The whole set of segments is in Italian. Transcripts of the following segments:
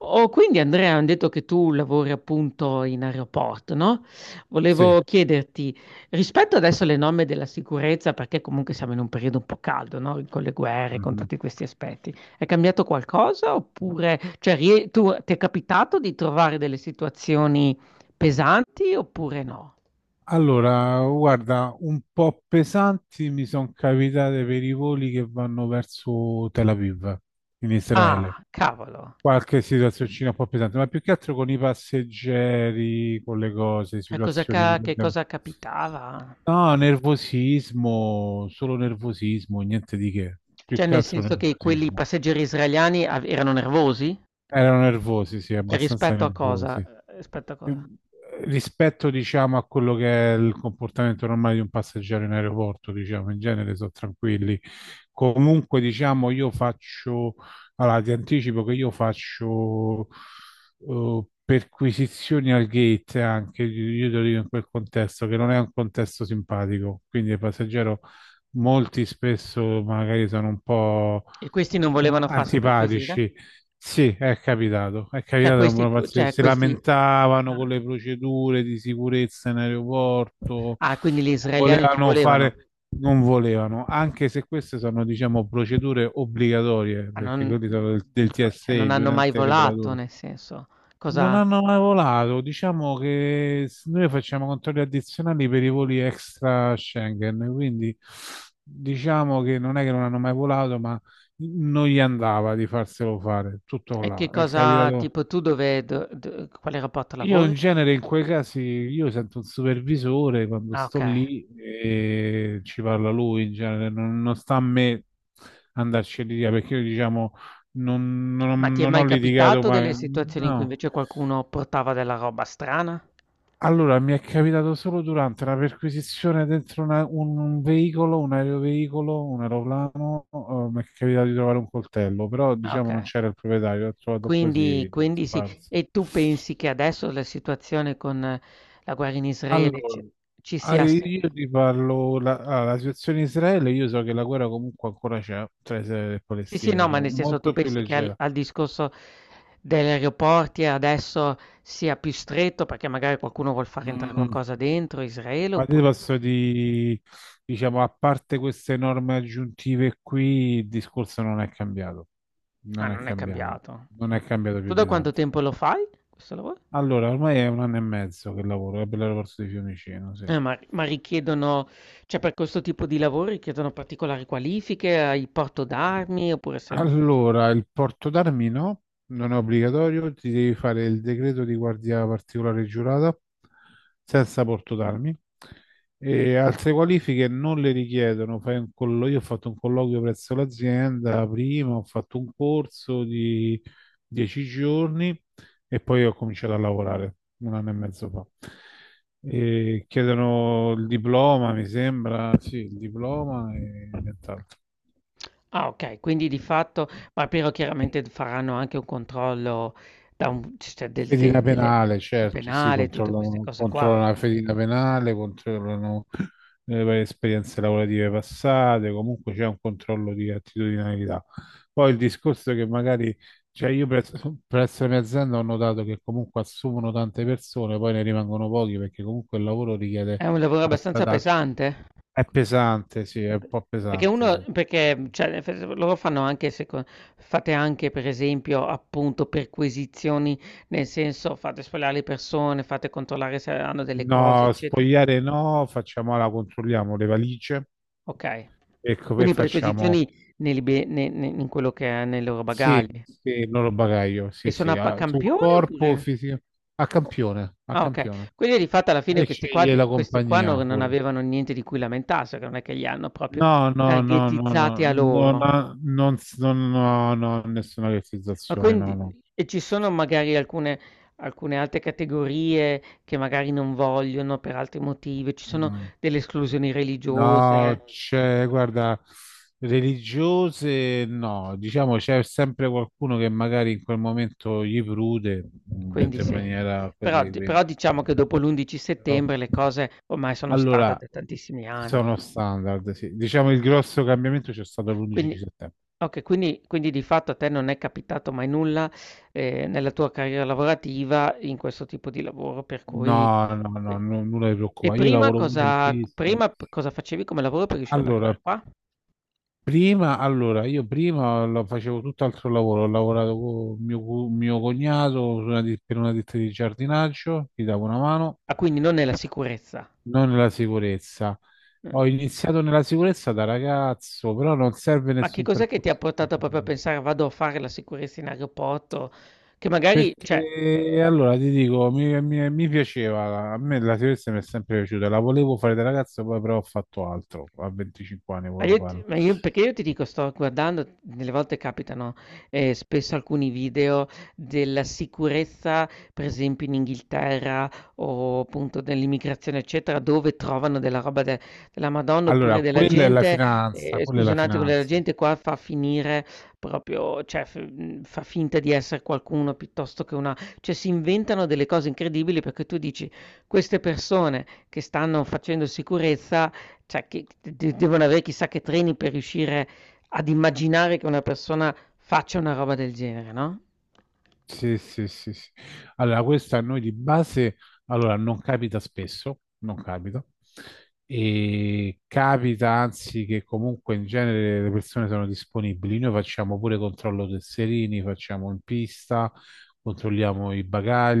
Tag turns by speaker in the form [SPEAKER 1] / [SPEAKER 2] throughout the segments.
[SPEAKER 1] Oh, quindi Andrea, hanno detto che tu lavori appunto in aeroporto, no?
[SPEAKER 2] Sì.
[SPEAKER 1] Volevo chiederti, rispetto adesso alle norme della sicurezza, perché comunque siamo in un periodo un po' caldo, no? Con le guerre, con
[SPEAKER 2] Mhm.
[SPEAKER 1] tutti questi aspetti, è cambiato qualcosa oppure, cioè, tu, ti è capitato di trovare delle situazioni pesanti oppure no?
[SPEAKER 2] Allora, guarda, un po' pesanti mi sono capitate per i voli che vanno verso Tel Aviv, in Israele.
[SPEAKER 1] Ah, cavolo,
[SPEAKER 2] Qualche situazioncina un po' pesante, ma più che altro con i passeggeri, con le cose,
[SPEAKER 1] cioè,
[SPEAKER 2] situazioni... di-
[SPEAKER 1] che cosa capitava?
[SPEAKER 2] No, nervosismo, solo nervosismo, niente di che. Più
[SPEAKER 1] Cioè,
[SPEAKER 2] che
[SPEAKER 1] nel
[SPEAKER 2] altro
[SPEAKER 1] senso che quelli
[SPEAKER 2] nervosismo.
[SPEAKER 1] passeggeri israeliani erano nervosi?
[SPEAKER 2] Erano nervosi, sì,
[SPEAKER 1] E
[SPEAKER 2] abbastanza
[SPEAKER 1] rispetto a cosa?
[SPEAKER 2] nervosi.
[SPEAKER 1] Rispetto a
[SPEAKER 2] Eh,
[SPEAKER 1] cosa?
[SPEAKER 2] rispetto, diciamo, a quello che è il comportamento normale di un passeggero in aeroporto, diciamo, in genere sono tranquilli. Comunque, diciamo, io faccio, allora ti anticipo che io faccio perquisizioni al gate anche, io te lo dico in quel contesto, che non è un contesto simpatico, quindi il passeggero molti spesso magari sono un po'
[SPEAKER 1] E questi non volevano farsi perquisire?
[SPEAKER 2] antipatici. Sì, è
[SPEAKER 1] Cioè
[SPEAKER 2] capitato, era
[SPEAKER 1] questi
[SPEAKER 2] una
[SPEAKER 1] q cioè
[SPEAKER 2] si
[SPEAKER 1] questi
[SPEAKER 2] lamentavano
[SPEAKER 1] ah.
[SPEAKER 2] con le procedure di sicurezza in aeroporto,
[SPEAKER 1] Ah, quindi gli israeliani non
[SPEAKER 2] volevano fare,
[SPEAKER 1] volevano?
[SPEAKER 2] non volevano, anche se queste sono, diciamo, procedure obbligatorie,
[SPEAKER 1] Ma
[SPEAKER 2] perché
[SPEAKER 1] non
[SPEAKER 2] quelli sono del
[SPEAKER 1] però cioè
[SPEAKER 2] TSE,
[SPEAKER 1] non
[SPEAKER 2] di un
[SPEAKER 1] hanno mai
[SPEAKER 2] ente
[SPEAKER 1] volato,
[SPEAKER 2] regolatore.
[SPEAKER 1] nel senso,
[SPEAKER 2] Non
[SPEAKER 1] cosa
[SPEAKER 2] hanno mai volato, diciamo che noi facciamo controlli addizionali per i voli extra Schengen, quindi diciamo che non è che non hanno mai volato, ma non gli andava di farselo fare, tutto
[SPEAKER 1] che
[SPEAKER 2] là. È
[SPEAKER 1] cosa
[SPEAKER 2] capitato.
[SPEAKER 1] tipo tu dove do do quale rapporto
[SPEAKER 2] Io
[SPEAKER 1] lavori?
[SPEAKER 2] in genere in quei casi io sento un supervisore quando
[SPEAKER 1] Ah,
[SPEAKER 2] sto
[SPEAKER 1] okay.
[SPEAKER 2] lì e ci parla lui, in genere non, non sta a me andarci a litigare, perché io diciamo non,
[SPEAKER 1] Ma
[SPEAKER 2] non-
[SPEAKER 1] ti è
[SPEAKER 2] non ho
[SPEAKER 1] mai
[SPEAKER 2] litigato
[SPEAKER 1] capitato
[SPEAKER 2] mai,
[SPEAKER 1] delle situazioni in cui
[SPEAKER 2] no.
[SPEAKER 1] invece qualcuno portava della roba strana?
[SPEAKER 2] Allora, mi è capitato solo durante una perquisizione dentro un veicolo, un aeroveicolo, un aeroplano, mi è capitato di trovare un coltello, però
[SPEAKER 1] Ah,
[SPEAKER 2] diciamo non
[SPEAKER 1] okay.
[SPEAKER 2] c'era il proprietario, l'ho trovato
[SPEAKER 1] Quindi
[SPEAKER 2] così
[SPEAKER 1] sì.
[SPEAKER 2] sparso.
[SPEAKER 1] E tu pensi che adesso la situazione con la guerra in Israele ci
[SPEAKER 2] Allora,
[SPEAKER 1] ci sia sì
[SPEAKER 2] io ti parlo, la situazione in Israele, io so che la guerra comunque ancora c'è tra Israele e
[SPEAKER 1] sì, sì,
[SPEAKER 2] Palestina,
[SPEAKER 1] no, ma
[SPEAKER 2] diciamo,
[SPEAKER 1] nel senso tu
[SPEAKER 2] molto più
[SPEAKER 1] pensi che
[SPEAKER 2] leggera.
[SPEAKER 1] al discorso degli aeroporti adesso sia più stretto perché magari qualcuno vuol far entrare
[SPEAKER 2] Mm.
[SPEAKER 1] qualcosa dentro Israele
[SPEAKER 2] Ma ti
[SPEAKER 1] oppure
[SPEAKER 2] posso diciamo, a parte queste norme aggiuntive qui, il discorso non è cambiato.
[SPEAKER 1] ah,
[SPEAKER 2] Non è
[SPEAKER 1] non è
[SPEAKER 2] cambiato.
[SPEAKER 1] cambiato.
[SPEAKER 2] Non
[SPEAKER 1] Mh.
[SPEAKER 2] è cambiato più
[SPEAKER 1] Tu da
[SPEAKER 2] di
[SPEAKER 1] quanto
[SPEAKER 2] tanto.
[SPEAKER 1] tempo lo fai questo lavoro?
[SPEAKER 2] Allora, ormai è un anno e mezzo che lavoro, per l'aeroporto di Fiumicino, sì.
[SPEAKER 1] Ma richiedono cioè per questo tipo di lavoro richiedono particolari qualifiche, hai porto d'armi oppure sei un ufficio.
[SPEAKER 2] Allora, il porto d'armi no, non è obbligatorio, ti devi fare il decreto di guardia particolare giurata senza porto d'armi. E altre qualifiche non le richiedono. Io ho fatto un colloquio presso l'azienda prima, ho fatto un corso di 10 giorni e poi ho cominciato a lavorare un anno e mezzo fa. E chiedono il diploma, mi sembra, sì, il diploma e nient'altro.
[SPEAKER 1] Ah okay, quindi di fatto ma però chiaramente d faranno anche un controllo da un c cioè del de
[SPEAKER 2] Fedina
[SPEAKER 1] delle,
[SPEAKER 2] penale,
[SPEAKER 1] il
[SPEAKER 2] certo, sì,
[SPEAKER 1] penale, tutte queste
[SPEAKER 2] controllano,
[SPEAKER 1] cose
[SPEAKER 2] controllano
[SPEAKER 1] qua.
[SPEAKER 2] la fedina penale, controllano le varie esperienze lavorative passate, comunque c'è un controllo di attitudinalità. Poi il discorso è che magari, cioè io presso la mia azienda ho notato che comunque assumono tante persone, poi ne rimangono pochi perché comunque il lavoro richiede
[SPEAKER 1] È un lavoro
[SPEAKER 2] alta
[SPEAKER 1] abbastanza
[SPEAKER 2] taccia.
[SPEAKER 1] pesante?
[SPEAKER 2] È
[SPEAKER 1] Quello
[SPEAKER 2] pesante, sì, è un
[SPEAKER 1] pe
[SPEAKER 2] po'
[SPEAKER 1] perché
[SPEAKER 2] pesante,
[SPEAKER 1] uno
[SPEAKER 2] sì.
[SPEAKER 1] perché, cioè nel senso loro fanno anche seco fate anche per esempio, appunto, perquisizioni, nel senso fate sfogliare le persone, fate controllare se hanno delle cose,
[SPEAKER 2] No,
[SPEAKER 1] eccetera?
[SPEAKER 2] spogliare no, facciamola, controlliamo le valigie.
[SPEAKER 1] Okay.
[SPEAKER 2] Ecco, poi
[SPEAKER 1] Quindi
[SPEAKER 2] facciamo
[SPEAKER 1] perquisizioni nei libe ne ne in quello che è nei loro
[SPEAKER 2] sì,
[SPEAKER 1] bagagli.
[SPEAKER 2] sì, non lo bagaglio,
[SPEAKER 1] E
[SPEAKER 2] sì,
[SPEAKER 1] sono
[SPEAKER 2] sì,
[SPEAKER 1] a pa
[SPEAKER 2] sul
[SPEAKER 1] campione
[SPEAKER 2] corpo
[SPEAKER 1] oppure
[SPEAKER 2] fisico, a
[SPEAKER 1] o
[SPEAKER 2] campione, a
[SPEAKER 1] ah okay.
[SPEAKER 2] campione.
[SPEAKER 1] Quindi di fatto alla fine
[SPEAKER 2] E sceglie la
[SPEAKER 1] questi qua
[SPEAKER 2] compagnia
[SPEAKER 1] non
[SPEAKER 2] pure.
[SPEAKER 1] avevano niente di cui lamentarsi, perché non è che li hanno proprio
[SPEAKER 2] No, no, no, no,
[SPEAKER 1] targetizzati
[SPEAKER 2] no,
[SPEAKER 1] a
[SPEAKER 2] non,
[SPEAKER 1] loro.
[SPEAKER 2] non, non, no, no, nessuna
[SPEAKER 1] Ma
[SPEAKER 2] realizzazione, no,
[SPEAKER 1] quindi
[SPEAKER 2] no.
[SPEAKER 1] ci sono magari alcune altre categorie che magari non vogliono per altri motivi, ci sono
[SPEAKER 2] Mm.
[SPEAKER 1] delle esclusioni religiose,
[SPEAKER 2] No, c'è, guarda, religiose no, diciamo c'è sempre qualcuno che magari in quel momento gli prude,
[SPEAKER 1] quindi
[SPEAKER 2] detto in
[SPEAKER 1] sì.
[SPEAKER 2] maniera così, quindi.
[SPEAKER 1] Però diciamo che dopo l'11
[SPEAKER 2] Però-
[SPEAKER 1] settembre le cose ormai sono standard
[SPEAKER 2] Allora,
[SPEAKER 1] da tantissimi anni.
[SPEAKER 2] sono standard, sì. Diciamo il grosso cambiamento c'è stato l'11
[SPEAKER 1] Quindi
[SPEAKER 2] settembre.
[SPEAKER 1] okay, quindi di fatto a te non è capitato mai nulla, nella tua carriera lavorativa in questo tipo di lavoro per cui
[SPEAKER 2] No, no, no,
[SPEAKER 1] e
[SPEAKER 2] no, nulla di
[SPEAKER 1] e
[SPEAKER 2] preoccupa. Io
[SPEAKER 1] prima
[SPEAKER 2] lavoro pure in
[SPEAKER 1] cosa
[SPEAKER 2] pista.
[SPEAKER 1] prima p cosa facevi come lavoro per riuscire ad
[SPEAKER 2] Allora,
[SPEAKER 1] arrivare qua?
[SPEAKER 2] prima, allora, io prima lo facevo tutt'altro lavoro, ho lavorato con mio cognato su per una ditta di giardinaggio, gli davo una mano,
[SPEAKER 1] Ah, quindi non è la sicurezza.
[SPEAKER 2] non nella sicurezza.
[SPEAKER 1] Mh.
[SPEAKER 2] Ho iniziato nella sicurezza da ragazzo, però non serve
[SPEAKER 1] Ma che
[SPEAKER 2] nessun
[SPEAKER 1] cos'è che ti ha
[SPEAKER 2] percorso
[SPEAKER 1] portato proprio a
[SPEAKER 2] specifico.
[SPEAKER 1] pensare: "Vado a fare la sicurezza in aeroporto?" Che magari cioè
[SPEAKER 2] Perché allora ti dico, mi piaceva, a me la sicurezza mi è sempre piaciuta, la volevo fare da ragazzo, poi però ho fatto altro, a 25 anni
[SPEAKER 1] Ma
[SPEAKER 2] volevo
[SPEAKER 1] io ti
[SPEAKER 2] farlo.
[SPEAKER 1] ma io perché io ti dico sto guardando, delle volte capitano, spesso alcuni video della sicurezza, per esempio in Inghilterra o appunto dell'immigrazione eccetera, dove trovano della roba de della Madonna, oppure
[SPEAKER 2] Allora,
[SPEAKER 1] della
[SPEAKER 2] quella è la
[SPEAKER 1] gente
[SPEAKER 2] finanza, quella è
[SPEAKER 1] scusa
[SPEAKER 2] la
[SPEAKER 1] un attimo, della
[SPEAKER 2] finanza.
[SPEAKER 1] gente qua fa finire proprio fa finta di essere qualcuno piuttosto che una cioè si inventano delle cose incredibili perché tu dici: "Queste persone che stanno facendo sicurezza cioè che d de devono avere chissà che treni per riuscire ad immaginare che una persona faccia una roba del genere, no?"
[SPEAKER 2] Sì, sì, sì, sì. Allora, questa a noi di base, allora, non capita spesso, non capita, e capita anzi che comunque in genere le persone sono disponibili. Noi facciamo pure controllo tesserini, facciamo in pista, controlliamo i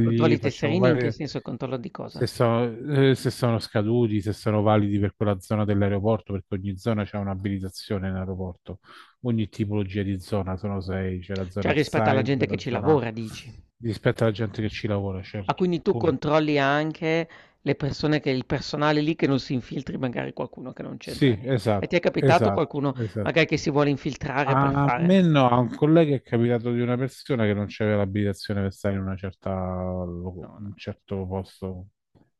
[SPEAKER 1] Controlli i
[SPEAKER 2] facciamo
[SPEAKER 1] tesserini in che
[SPEAKER 2] varie,
[SPEAKER 1] senso controllo di
[SPEAKER 2] se,
[SPEAKER 1] cosa?
[SPEAKER 2] so- se sono scaduti, se sono validi per quella zona dell'aeroporto, perché ogni zona c'è un'abilitazione in aeroporto, ogni tipologia di zona, sono sei, c'è la zona
[SPEAKER 1] Cioè rispetto alla
[SPEAKER 2] outside,
[SPEAKER 1] gente che
[SPEAKER 2] la
[SPEAKER 1] ci
[SPEAKER 2] zona
[SPEAKER 1] lavora dici.
[SPEAKER 2] rispetto alla gente che ci lavora,
[SPEAKER 1] Ah,
[SPEAKER 2] certo,
[SPEAKER 1] quindi tu
[SPEAKER 2] pure.
[SPEAKER 1] controlli anche le persone che il personale lì che non si infiltri magari qualcuno che non c'entra
[SPEAKER 2] Sì,
[SPEAKER 1] nie e ti è
[SPEAKER 2] esatto,
[SPEAKER 1] capitato
[SPEAKER 2] esatto,
[SPEAKER 1] qualcuno
[SPEAKER 2] esatto.
[SPEAKER 1] magari che si vuole infiltrare per
[SPEAKER 2] A
[SPEAKER 1] fare?
[SPEAKER 2] me no, a un collega è capitato di una persona che non c'aveva l'abilitazione per stare in una certa, lo-
[SPEAKER 1] No,
[SPEAKER 2] un
[SPEAKER 1] no.
[SPEAKER 2] certo posto,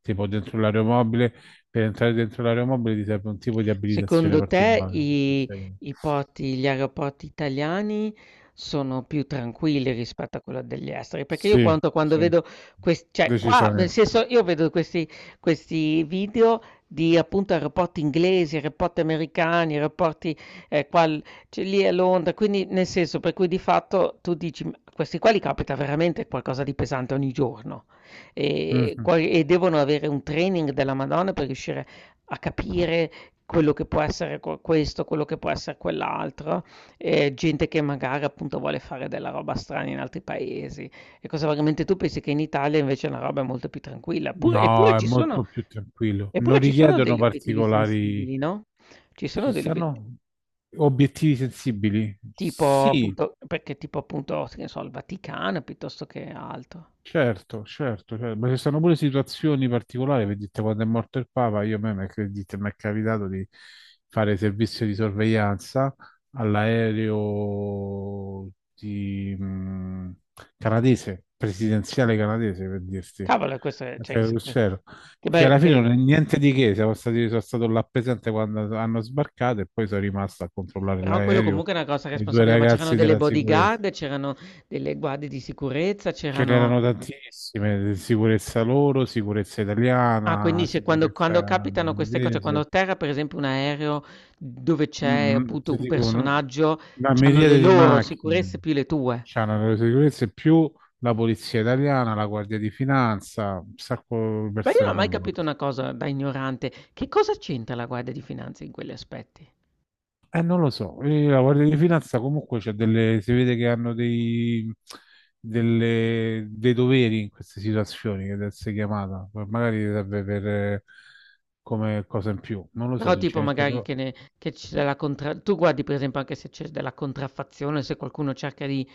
[SPEAKER 2] tipo dentro l'aeromobile. Per entrare dentro l'aeromobile ti serve un tipo di abilitazione
[SPEAKER 1] Secondo te
[SPEAKER 2] particolare.
[SPEAKER 1] i
[SPEAKER 2] Sì,
[SPEAKER 1] i porti gli aeroporti italiani sono più tranquilli rispetto a quello degli esteri? Perché io quanto quando
[SPEAKER 2] sì,
[SPEAKER 1] vedo questi, cioè qua, nel
[SPEAKER 2] decisamente.
[SPEAKER 1] senso, io vedo questi, questi video di appunto aeroporti inglesi, aeroporti americani, aeroporti eh, qua, l- cioè, lì a Londra, quindi nel senso per cui di fatto tu dici, "Ma questi qua li capita veramente qualcosa di pesante ogni giorno e,
[SPEAKER 2] Mhm.
[SPEAKER 1] e devono avere un training della Madonna per riuscire a capire quello che può essere questo, quello che può essere quell'altro, gente che magari appunto vuole fare della roba strana in altri paesi e cosa veramente tu pensi che in Italia invece la roba è molto più tranquilla, pure
[SPEAKER 2] No, è molto più tranquillo. Non
[SPEAKER 1] eppure ci sono
[SPEAKER 2] richiedono
[SPEAKER 1] degli obiettivi
[SPEAKER 2] particolari.
[SPEAKER 1] sensibili, no, ci sono
[SPEAKER 2] Ci
[SPEAKER 1] degli obiet
[SPEAKER 2] stanno obiettivi sensibili?
[SPEAKER 1] tipo
[SPEAKER 2] Sì.
[SPEAKER 1] appunto che ne so, il Vaticano piuttosto che altro.
[SPEAKER 2] Certo, certo, certo. Ma ci sono pure situazioni particolari, vedete, quando è morto il Papa, io a me mi è credete, mi è capitato di fare servizio di sorveglianza all'aereo di, canadese, presidenziale canadese, per dirti,
[SPEAKER 1] Cavolo e questo è cioè che
[SPEAKER 2] che
[SPEAKER 1] se que
[SPEAKER 2] c'ero.
[SPEAKER 1] che
[SPEAKER 2] Che
[SPEAKER 1] beh,
[SPEAKER 2] alla fine non è
[SPEAKER 1] ehm.
[SPEAKER 2] niente di che, sono stato là presente quando hanno sbarcato e poi sono rimasto a controllare
[SPEAKER 1] Però quello
[SPEAKER 2] l'aereo
[SPEAKER 1] comunque è una grossa
[SPEAKER 2] e i due
[SPEAKER 1] responsabilità, ma c'erano
[SPEAKER 2] ragazzi
[SPEAKER 1] delle
[SPEAKER 2] della sicurezza.
[SPEAKER 1] bodyguard, c'erano delle guardie di sicurezza,
[SPEAKER 2] Ce
[SPEAKER 1] c'erano...
[SPEAKER 2] n'erano tantissime, sicurezza loro, sicurezza
[SPEAKER 1] Ah, quindi
[SPEAKER 2] italiana,
[SPEAKER 1] se quando,
[SPEAKER 2] sicurezza
[SPEAKER 1] quando capitano queste cose, cioè quando
[SPEAKER 2] inglese.
[SPEAKER 1] atterra per esempio un aereo dove c'è appunto
[SPEAKER 2] Ti
[SPEAKER 1] un
[SPEAKER 2] dico una,
[SPEAKER 1] personaggio,
[SPEAKER 2] una
[SPEAKER 1] c'hanno le
[SPEAKER 2] miriade di
[SPEAKER 1] loro sicurezze
[SPEAKER 2] macchine,
[SPEAKER 1] più le tue.
[SPEAKER 2] c'hanno le sicurezze più la polizia italiana, la guardia di finanza, un sacco di
[SPEAKER 1] Ma io non
[SPEAKER 2] persone
[SPEAKER 1] ho mai capito
[SPEAKER 2] coinvolte.
[SPEAKER 1] una cosa da ignorante, che cosa c'entra la guardia di finanza in quegli aspetti?
[SPEAKER 2] Non lo so. La Guardia di Finanza comunque c'è delle, si vede che hanno dei, dei doveri in queste situazioni che deve essere chiamata. Poi magari serve per come cosa in più, non lo so
[SPEAKER 1] Però tipo
[SPEAKER 2] sinceramente,
[SPEAKER 1] magari
[SPEAKER 2] però
[SPEAKER 1] che c'è della contra... Tu guardi per esempio anche se c'è della contraffazione, se qualcuno cerca di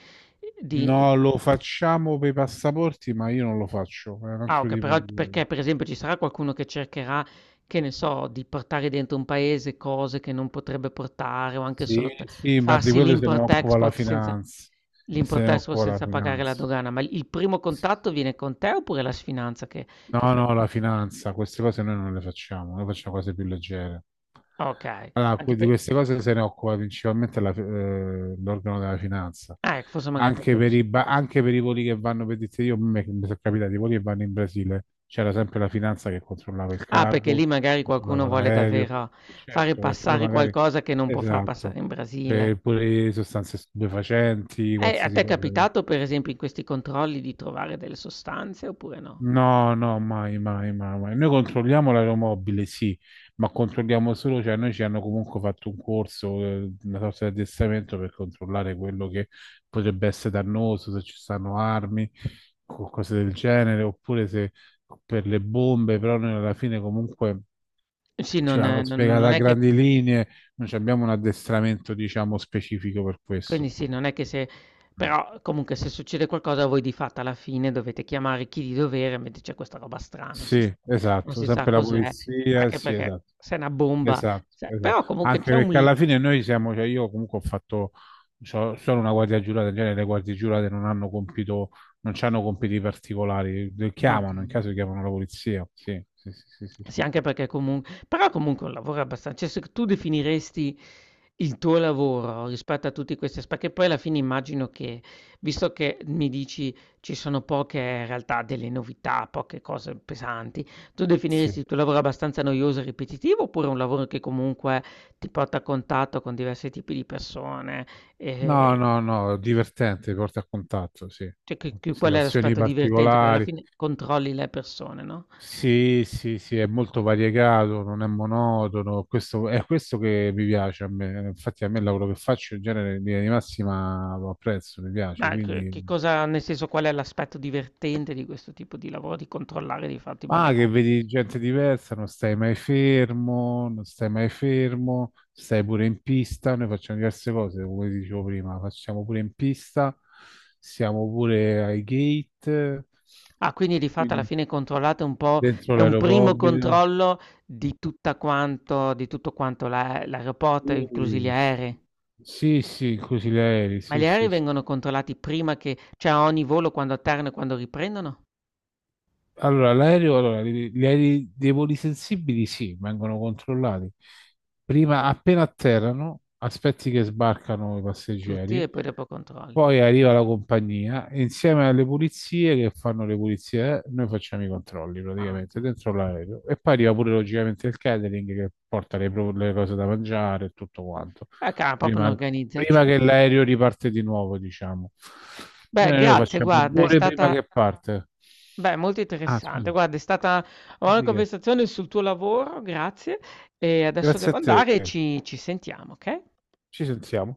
[SPEAKER 1] di-
[SPEAKER 2] no, lo facciamo per i passaporti, ma io non lo faccio, è un
[SPEAKER 1] ah
[SPEAKER 2] altro
[SPEAKER 1] ok,
[SPEAKER 2] tipo
[SPEAKER 1] però
[SPEAKER 2] di...
[SPEAKER 1] perché per esempio ci sarà qualcuno che cercherà, che ne so, di portare dentro un paese cose che non potrebbe portare o anche
[SPEAKER 2] Sì,
[SPEAKER 1] solo
[SPEAKER 2] sì, ma di
[SPEAKER 1] farsi
[SPEAKER 2] quello se ne occupa la finanza, se ne
[SPEAKER 1] l'import-export
[SPEAKER 2] occupa la
[SPEAKER 1] senza pagare la
[SPEAKER 2] finanza.
[SPEAKER 1] dogana, ma il primo contatto viene con te oppure la sfinanza che
[SPEAKER 2] No,
[SPEAKER 1] fai?
[SPEAKER 2] no, la finanza, queste cose noi non le facciamo, noi facciamo cose più leggere.
[SPEAKER 1] Ok,
[SPEAKER 2] Allora,
[SPEAKER 1] anche
[SPEAKER 2] di
[SPEAKER 1] per...
[SPEAKER 2] queste cose se ne occupa principalmente l'organo della finanza.
[SPEAKER 1] Ah, ecco, forse magari per
[SPEAKER 2] Anche
[SPEAKER 1] quello
[SPEAKER 2] per
[SPEAKER 1] sì.
[SPEAKER 2] i, ba- anche per i voli che vanno, per dirti io, mi sono capitato, i voli che vanno in Brasile, c'era sempre la finanza che controllava il
[SPEAKER 1] Ah, perché lì
[SPEAKER 2] cargo,
[SPEAKER 1] magari qualcuno
[SPEAKER 2] controllava
[SPEAKER 1] vuole
[SPEAKER 2] l'aereo.
[SPEAKER 1] davvero
[SPEAKER 2] E
[SPEAKER 1] fare
[SPEAKER 2] certo, perché là
[SPEAKER 1] passare
[SPEAKER 2] magari,
[SPEAKER 1] qualcosa che non può far passare
[SPEAKER 2] esatto,
[SPEAKER 1] in
[SPEAKER 2] per
[SPEAKER 1] Brasile.
[SPEAKER 2] pure sostanze stupefacenti,
[SPEAKER 1] A
[SPEAKER 2] qualsiasi
[SPEAKER 1] te è
[SPEAKER 2] cosa.
[SPEAKER 1] capitato per esempio in questi controlli di trovare delle sostanze oppure no?
[SPEAKER 2] No, no, mai, mai, mai, mai. Noi controlliamo l'aeromobile, sì, ma controlliamo solo, cioè noi ci hanno comunque fatto un corso, una sorta di addestramento per controllare quello che potrebbe essere dannoso, se ci stanno armi, cose del genere, oppure se per le bombe, però noi alla fine comunque
[SPEAKER 1] Sì,
[SPEAKER 2] ce l'hanno
[SPEAKER 1] non
[SPEAKER 2] spiegata a
[SPEAKER 1] è che
[SPEAKER 2] grandi linee, non ci abbiamo un addestramento, diciamo, specifico per
[SPEAKER 1] quindi
[SPEAKER 2] questo.
[SPEAKER 1] sì, non è che se
[SPEAKER 2] Mm.
[SPEAKER 1] però comunque se succede qualcosa voi di fatto alla fine dovete chiamare chi di dovere, mentre c'è questa roba strana, non si
[SPEAKER 2] Sì,
[SPEAKER 1] sa non
[SPEAKER 2] esatto,
[SPEAKER 1] si sa
[SPEAKER 2] sempre la
[SPEAKER 1] cos'è,
[SPEAKER 2] polizia,
[SPEAKER 1] anche
[SPEAKER 2] sì,
[SPEAKER 1] perché
[SPEAKER 2] esatto.
[SPEAKER 1] se è una bomba
[SPEAKER 2] Esatto,
[SPEAKER 1] se però
[SPEAKER 2] esatto.
[SPEAKER 1] comunque
[SPEAKER 2] Anche
[SPEAKER 1] c'è un
[SPEAKER 2] perché
[SPEAKER 1] li
[SPEAKER 2] alla fine noi siamo, cioè io comunque ho fatto solo una guardia giurata, in genere le guardie giurate non hanno compito, non hanno compiti particolari, le
[SPEAKER 1] ah,
[SPEAKER 2] chiamano, in
[SPEAKER 1] okay.
[SPEAKER 2] caso chiamano la polizia. Sì, sì, sì, sì, sì,
[SPEAKER 1] Sì,
[SPEAKER 2] sì, sì.
[SPEAKER 1] anche perché comun però comunque è un lavoro abbastan cioè se tu definiresti il tuo lavoro rispetto a tutti questi aspe perché poi alla fine immagino che, visto che mi dici ci sono poche in realtà delle novità, poche cose pesanti, tu
[SPEAKER 2] Sì.
[SPEAKER 1] definiresti il tuo lavoro abbastanza noioso e ripetitivo oppure un lavoro che comunque ti porta a contatto con diversi tipi di persone, ehm,
[SPEAKER 2] No, no, no, divertente, porta a contatto, sì.
[SPEAKER 1] cioè che qual è
[SPEAKER 2] Situazioni
[SPEAKER 1] l'aspetto divertente? Perché alla
[SPEAKER 2] particolari.
[SPEAKER 1] fine controlli le persone, no?
[SPEAKER 2] Sì, sì, sì, è molto variegato, non è monotono, questo, è questo che mi piace a me, infatti a me il lavoro che faccio in genere in linea di massima lo apprezzo, mi piace,
[SPEAKER 1] Ma
[SPEAKER 2] quindi...
[SPEAKER 1] che cosa nel senso, qual è l'aspetto divertente di questo tipo di lavoro, di controllare di fatto i
[SPEAKER 2] Ah, che
[SPEAKER 1] bagagli?
[SPEAKER 2] vedi gente diversa, non stai mai fermo, non stai mai fermo, stai pure in pista, noi facciamo diverse cose, come ti dicevo prima, facciamo pure in pista, siamo pure ai gate,
[SPEAKER 1] Ah, quindi di fatto alla
[SPEAKER 2] quindi
[SPEAKER 1] fine controllate un po'
[SPEAKER 2] dentro
[SPEAKER 1] è un primo
[SPEAKER 2] l'aeropobile.
[SPEAKER 1] controllo di tutta quanto di tutto quanto l'aeroporto, inclusi gli
[SPEAKER 2] Mm.
[SPEAKER 1] aerei?
[SPEAKER 2] Sì, sì, così gli aerei,
[SPEAKER 1] Ma
[SPEAKER 2] sì,
[SPEAKER 1] gli
[SPEAKER 2] sì,
[SPEAKER 1] aerei
[SPEAKER 2] sì.
[SPEAKER 1] vengono controllati prima che cioè a ogni volo quando atterrano e quando riprendono?
[SPEAKER 2] Allora, l'aereo, allora, gli aerei dei voli sensibili, sì, vengono controllati. Prima, appena atterrano, aspetti che sbarcano i
[SPEAKER 1] Tutti
[SPEAKER 2] passeggeri.
[SPEAKER 1] e poi dopo controlli.
[SPEAKER 2] Poi arriva la compagnia e insieme alle pulizie che fanno le pulizie, noi facciamo i controlli
[SPEAKER 1] Ah,
[SPEAKER 2] praticamente
[SPEAKER 1] okay.
[SPEAKER 2] dentro l'aereo e poi arriva pure logicamente il catering che porta le cose da mangiare e tutto quanto,
[SPEAKER 1] Ca proprio
[SPEAKER 2] prima, prima che
[SPEAKER 1] un'organizzazione.
[SPEAKER 2] l'aereo riparte di nuovo, diciamo.
[SPEAKER 1] Beh,
[SPEAKER 2] Noi lo
[SPEAKER 1] grazie
[SPEAKER 2] facciamo due
[SPEAKER 1] guarda, è
[SPEAKER 2] ore prima
[SPEAKER 1] stata
[SPEAKER 2] che parte.
[SPEAKER 1] beh, molto
[SPEAKER 2] Ah,
[SPEAKER 1] interessante.
[SPEAKER 2] scusi,
[SPEAKER 1] Guarda, è stata una buona
[SPEAKER 2] quindi che-
[SPEAKER 1] conversazione sul tuo lavoro, grazie. E adesso
[SPEAKER 2] Grazie a
[SPEAKER 1] devo
[SPEAKER 2] te,
[SPEAKER 1] andare e ci sentiamo, okay?
[SPEAKER 2] ci sentiamo.